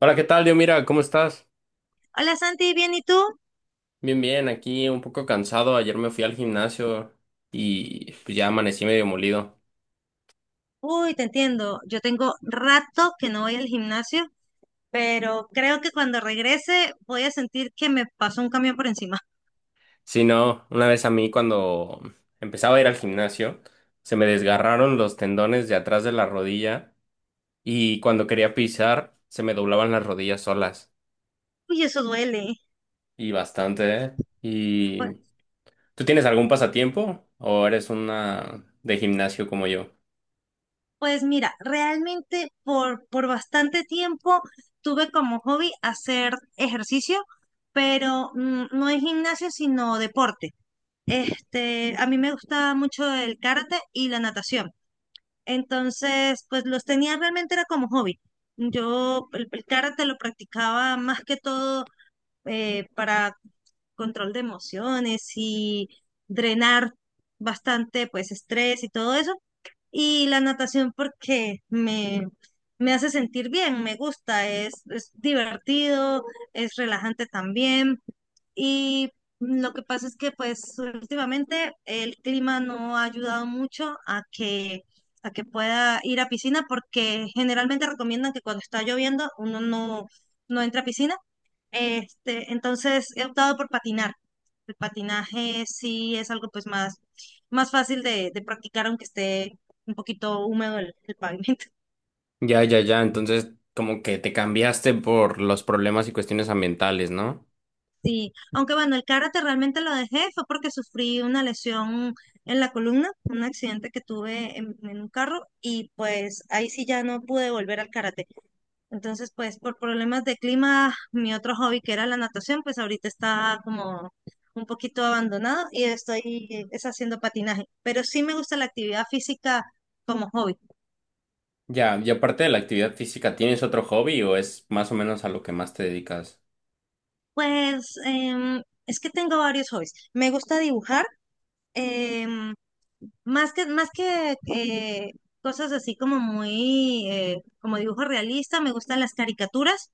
Hola, ¿qué tal? Yo, mira, ¿cómo estás? Hola Santi, ¿bien y tú? Bien, bien, aquí un poco cansado. Ayer me fui al gimnasio y pues ya amanecí medio molido. Uy, te entiendo. Yo tengo rato que no voy al gimnasio, pero creo que cuando regrese voy a sentir que me pasó un camión por encima. Sí, no, una vez a mí cuando empezaba a ir al gimnasio, se me desgarraron los tendones de atrás de la rodilla y cuando quería pisar, se me doblaban las rodillas solas. Uy, eso duele. Y bastante, ¿eh? ¿Y Pues, tú tienes algún pasatiempo o eres una de gimnasio como yo? pues mira, realmente por bastante tiempo tuve como hobby hacer ejercicio, pero no es gimnasio, sino deporte. A mí me gusta mucho el karate y la natación. Entonces, pues los tenía realmente era como hobby. Yo el karate lo practicaba más que todo para control de emociones y drenar bastante pues estrés y todo eso. Y la natación porque me hace sentir bien, me gusta, es divertido, es relajante también. Y lo que pasa es que pues últimamente el clima no ha ayudado mucho a que pueda ir a piscina, porque generalmente recomiendan que cuando está lloviendo uno no, no entra a piscina. Entonces he optado por patinar. El patinaje sí es algo pues más fácil de practicar, aunque esté un poquito húmedo el pavimento. Ya, ya, ya. Entonces, como que te cambiaste por los problemas y cuestiones ambientales, ¿no? Sí, aunque bueno, el karate realmente lo dejé, fue porque sufrí una lesión en la columna, un accidente que tuve en un carro, y pues ahí sí ya no pude volver al karate. Entonces, pues por problemas de clima, mi otro hobby, que era la natación, pues ahorita está como un poquito abandonado, y estoy es haciendo patinaje, pero sí me gusta la actividad física como hobby. Ya, y aparte de la actividad física, ¿tienes otro hobby o es más o menos a lo que más te dedicas? Pues es que tengo varios hobbies. Me gusta dibujar. em, más que cosas así como muy, como dibujo realista, me gustan las caricaturas,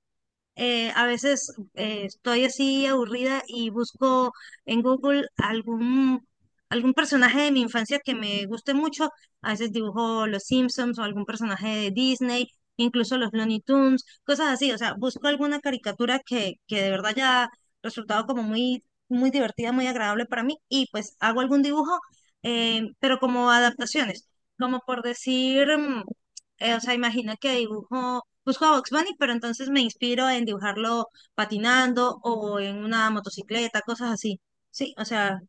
a veces estoy así aburrida y busco en Google algún personaje de mi infancia que me guste mucho. A veces dibujo los Simpsons o algún personaje de Disney, incluso los Looney Tunes, cosas así. O sea, busco alguna caricatura que de verdad haya resultado como muy, muy divertida, muy agradable para mí, y pues hago algún dibujo, pero como adaptaciones, como por decir, o sea, imagina que dibujo Busco a Bugs Bunny, pero entonces me inspiro en dibujarlo patinando o en una motocicleta, cosas así. Sí, o sea,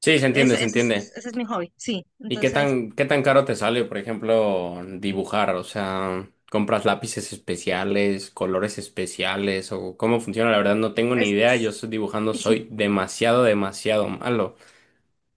Sí, se entiende, ese, se ese es, entiende. ese es mi hobby, sí. ¿Y Entonces, qué tan caro te sale, por ejemplo, dibujar? O sea, ¿compras lápices especiales, colores especiales o cómo funciona? La verdad no tengo ni idea, yo es. estoy dibujando, soy demasiado, demasiado malo.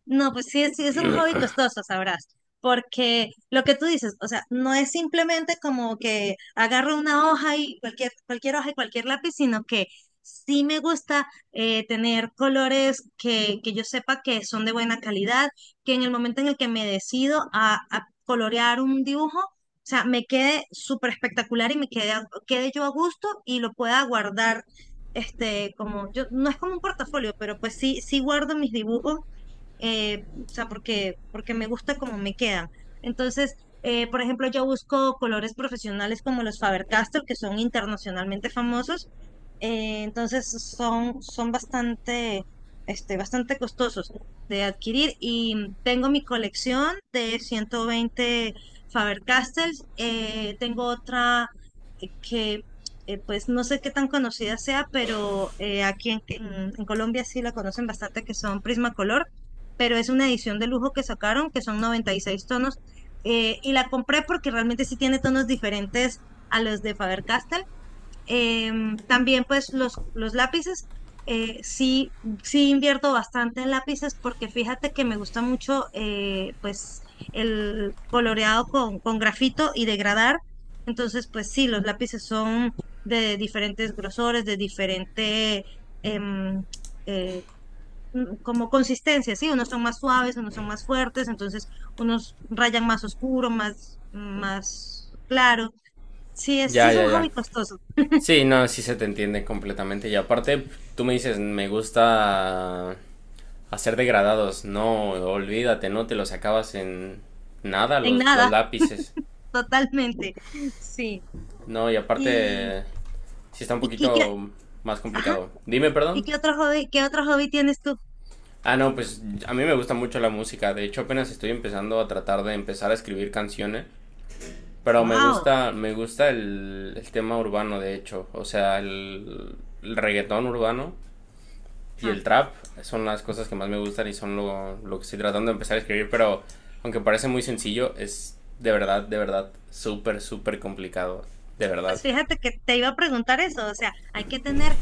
No, pues sí, sí es un hobby costoso, sabrás, porque lo que tú dices, o sea, no es simplemente como que agarro una hoja y cualquier hoja y cualquier lápiz, sino que sí me gusta tener colores que yo sepa que son de buena calidad, que en el momento en el que me decido a colorear un dibujo, o sea, me quede súper espectacular y me quede yo a gusto y lo pueda guardar. Como yo, no es como un portafolio, pero pues sí guardo mis dibujos, o sea, porque me gusta cómo me quedan. Entonces, por ejemplo, yo busco colores profesionales como los Faber-Castell, que son internacionalmente famosos. Entonces, son bastante, bastante costosos de adquirir, y tengo mi colección de 120 Faber-Castells. Tengo otra, eh, que... pues no sé qué tan conocida sea, pero aquí en Colombia sí la conocen bastante, que son Prismacolor, pero es una edición de lujo que sacaron, que son 96 tonos. Y la compré porque realmente sí tiene tonos diferentes a los de Faber-Castell. También pues los lápices, sí, sí invierto bastante en lápices, porque fíjate que me gusta mucho, pues, el coloreado con grafito, y degradar. Entonces pues sí, los lápices son de diferentes grosores, de diferente em, eh, como consistencia, ¿sí? Unos son más suaves, unos son más fuertes, entonces unos rayan más oscuro, más, más claro. Sí, sí Ya, es un ya, ya. hobby costoso, Sí, no, sí se te entiende completamente. Y aparte, tú me dices, me gusta a ser degradados. No, olvídate, no te los acabas en nada en los, los nada, lápices. totalmente, sí. No, y Y, aparte, sí está un y, y qué, poquito más ajá, complicado. Dime, ¿y perdón. Qué otro hobby tienes tú? Ah, no, pues a mí me gusta mucho la música. De hecho, apenas estoy empezando a tratar de empezar a escribir canciones. Pero me ¡Wow! gusta, me gusta el tema urbano, de hecho. O sea, el reggaetón urbano y el trap son las cosas que más me gustan y son lo que estoy tratando de empezar a escribir, pero aunque parece muy sencillo, es de verdad, súper, súper complicado. De verdad. Pues fíjate que te iba a preguntar eso, o sea, hay que tener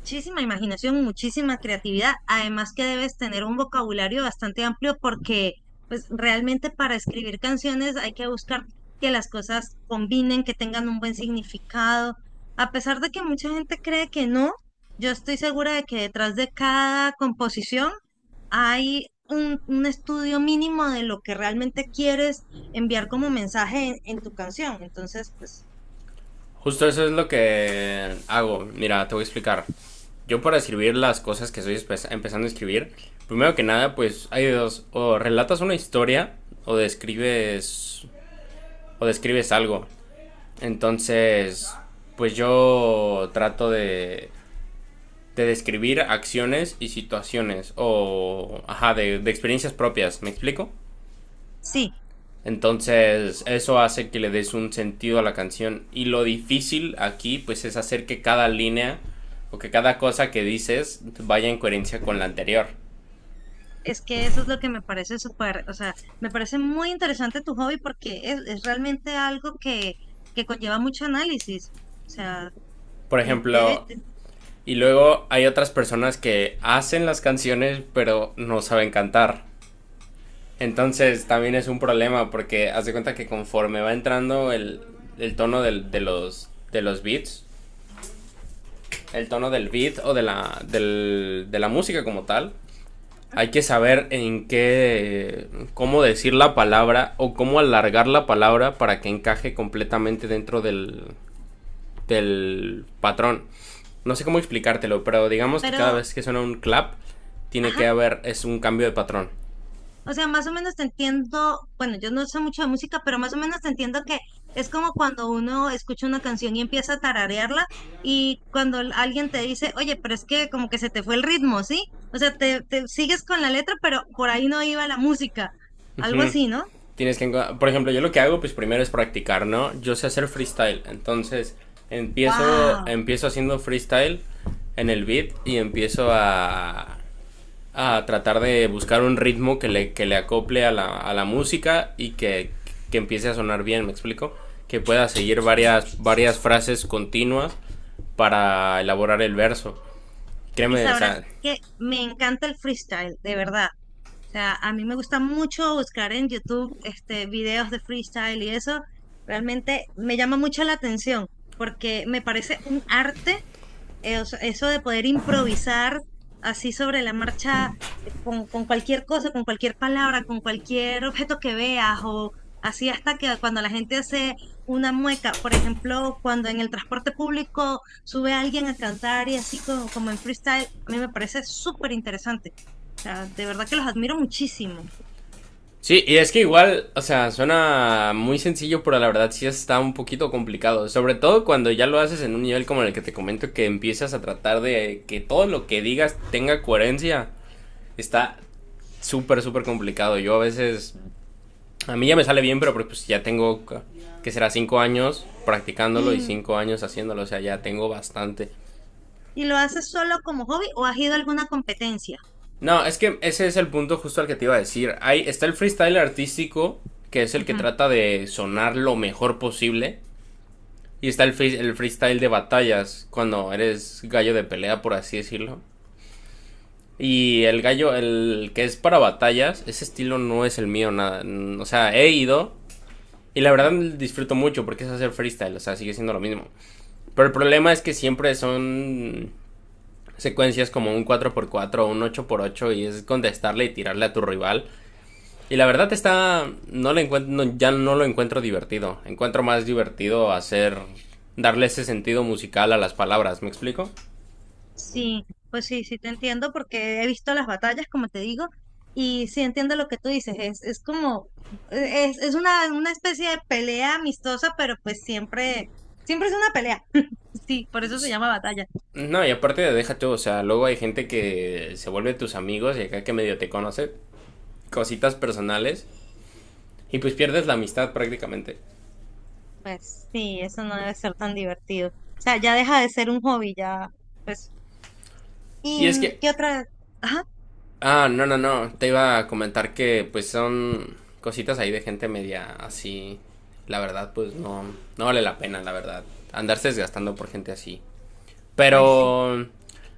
muchísima imaginación, muchísima creatividad, además que debes tener un vocabulario bastante amplio, porque pues realmente, para escribir canciones, hay que buscar que las cosas combinen, que tengan un buen significado. A pesar de que mucha gente cree que no, yo estoy segura de que detrás de cada composición hay un estudio mínimo de lo que realmente quieres enviar como mensaje en tu canción. Entonces, pues Justo eso es lo que hago. Mira, te voy a explicar. Yo para escribir las cosas que estoy empezando a escribir, primero que nada, pues hay dos. O relatas una historia o describes, o describes algo. Entonces, pues yo trato de describir acciones y situaciones o, ajá, de experiencias propias, ¿me explico? sí. Entonces, eso hace que le des un sentido a la canción. Y lo difícil aquí, pues, es hacer que cada línea o que cada cosa que dices vaya en coherencia con la anterior. Es que eso es lo que me parece súper, o sea, me parece muy interesante tu hobby porque es realmente algo que conlleva mucho análisis. O sea, Por y debe, ejemplo, de- y luego hay otras personas que hacen las canciones, pero no saben cantar. Entonces, también es un problema porque haz de cuenta que conforme va entrando el tono del- de los beats, el tono del beat o de la, del- de la música como tal. Hay que saber en qué, cómo decir la palabra o cómo alargar la palabra para que encaje completamente dentro del, del patrón. No sé cómo explicártelo, pero digamos que cada pero, vez que suena un clap, tiene que ajá, haber, es un cambio de patrón. o sea, más o menos te entiendo, bueno, yo no sé mucho de música, pero más o menos te entiendo que es como cuando uno escucha una canción y empieza a tararearla, y cuando alguien te dice, oye, pero es que como que se te fue el ritmo, ¿sí? O sea, te sigues con la letra, pero por ahí no iba la música, algo Mm, así, ¿no? tienes que, por ejemplo, yo lo que hago, pues primero es practicar, ¿no? Yo sé hacer freestyle, entonces empiezo, ¡Wow! empiezo haciendo freestyle en el beat y empiezo a tratar de buscar un ritmo que le acople a la música y que empiece a sonar bien, ¿me explico? Que pueda seguir varias, varias frases continuas para elaborar el verso. Y Créeme, o sabrás sea, que me encanta el freestyle, de verdad. O sea, a mí me gusta mucho buscar en YouTube, videos de freestyle, y eso realmente me llama mucho la atención, porque me parece un arte. O sea, eso de poder improvisar así sobre la marcha, con cualquier cosa, con cualquier palabra, con cualquier objeto que veas, o así, hasta que cuando la gente hace una mueca, por ejemplo, cuando en el transporte público sube alguien a cantar y así como, como en freestyle, a mí me parece súper interesante. O sea, de verdad que los admiro muchísimo. sí, y es que igual, o sea, suena muy sencillo, pero la verdad sí está un poquito complicado. Sobre todo cuando ya lo haces en un nivel como el que te comento, que empiezas a tratar de que todo lo que digas tenga coherencia. Está súper, súper complicado. Yo a veces, a mí ya me sale bien, pero pues, ya tengo, que será 5 años practicándolo y ¿Y, 5 años haciéndolo, o sea, ya tengo bastante. y lo haces solo como hobby, o has ido a alguna competencia? No, es que ese es el punto justo al que te iba a decir. Ahí está el freestyle artístico, que es el que Ujú. trata de sonar lo mejor posible. Y está el, free- el freestyle de batallas, cuando eres gallo de pelea, por así decirlo. Y el gallo, el que es para batallas, ese estilo no es el mío, nada. Mm, o sea, he ido y la verdad disfruto mucho porque es hacer freestyle, o sea, sigue siendo lo mismo. Pero el problema es que siempre son secuencias como un cuatro por cuatro o un ocho por ocho y es contestarle y tirarle a tu rival. Y la verdad está, no le encuentro, ya no lo encuentro divertido. Encuentro más divertido hacer, darle ese sentido musical a las palabras, ¿me explico? Sí, pues sí te entiendo, porque he visto las batallas, como te digo, y sí entiendo lo que tú dices, es como, es una especie de pelea amistosa, pero pues siempre, siempre es una pelea. Sí, por eso se llama batalla. No, y aparte de deja tú, o sea, luego hay gente que se vuelve tus amigos y acá que medio te conoce cositas personales y pues pierdes la amistad prácticamente. Pues sí, eso no debe ser tan divertido. O sea, ya deja de ser un hobby, ya, pues. Y ¿Y es que, qué otra? Ajá, ah, no, no, no, te iba a comentar que pues son cositas ahí de gente media así, la verdad, pues no, no vale la pena, la verdad, andarse desgastando por gente así. pues sí. Pero,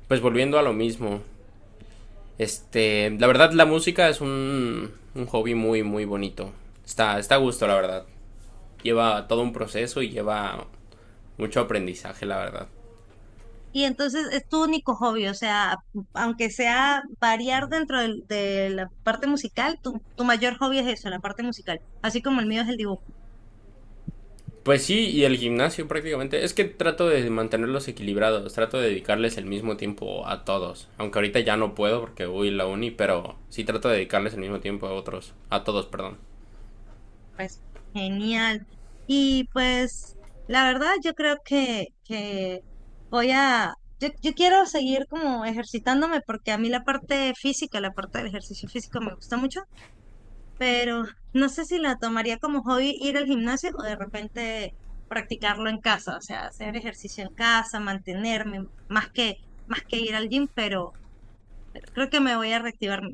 pues volviendo a lo mismo. Este, la verdad la música es un hobby muy, muy bonito. Está, está a gusto, la verdad. Lleva todo un proceso y lleva mucho aprendizaje, la verdad. Y entonces es tu único hobby, o sea, aunque sea variar dentro de la parte musical, tu mayor hobby es eso, la parte musical, así como el mío es el dibujo, Pues sí, y el gimnasio prácticamente. Es que trato de mantenerlos equilibrados, trato de dedicarles el mismo tiempo a todos. Aunque ahorita ya no puedo porque voy a la uni, pero sí trato de dedicarles el mismo tiempo a otros, a todos, perdón. pues genial. Y pues la verdad yo creo que voy a, yo quiero seguir como ejercitándome, porque a mí la parte física, la parte del ejercicio físico, me gusta mucho. Pero no sé si la tomaría como hobby ir al gimnasio, o de repente practicarlo en casa, o sea, hacer ejercicio en casa, mantenerme, más que ir al gym, pero creo que me voy a reactivar, o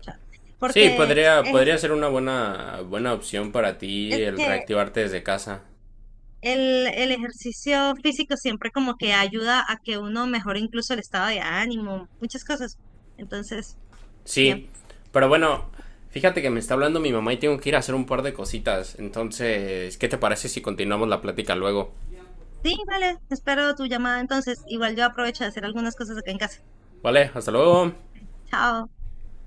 sea, Sí, porque podría, es, podría ser una buena, buena opción para ti es el que reactivarte desde casa. el ejercicio físico siempre como que ayuda a que uno mejore incluso el estado de ánimo, muchas cosas. Entonces, bien. Sí, pero bueno, fíjate que me está hablando mi mamá y tengo que ir a hacer un par de cositas. Entonces, ¿qué te parece si continuamos la plática luego? Sí, vale, espero tu llamada entonces. Igual yo aprovecho de hacer algunas cosas acá en casa. Vale, hasta luego. Chao.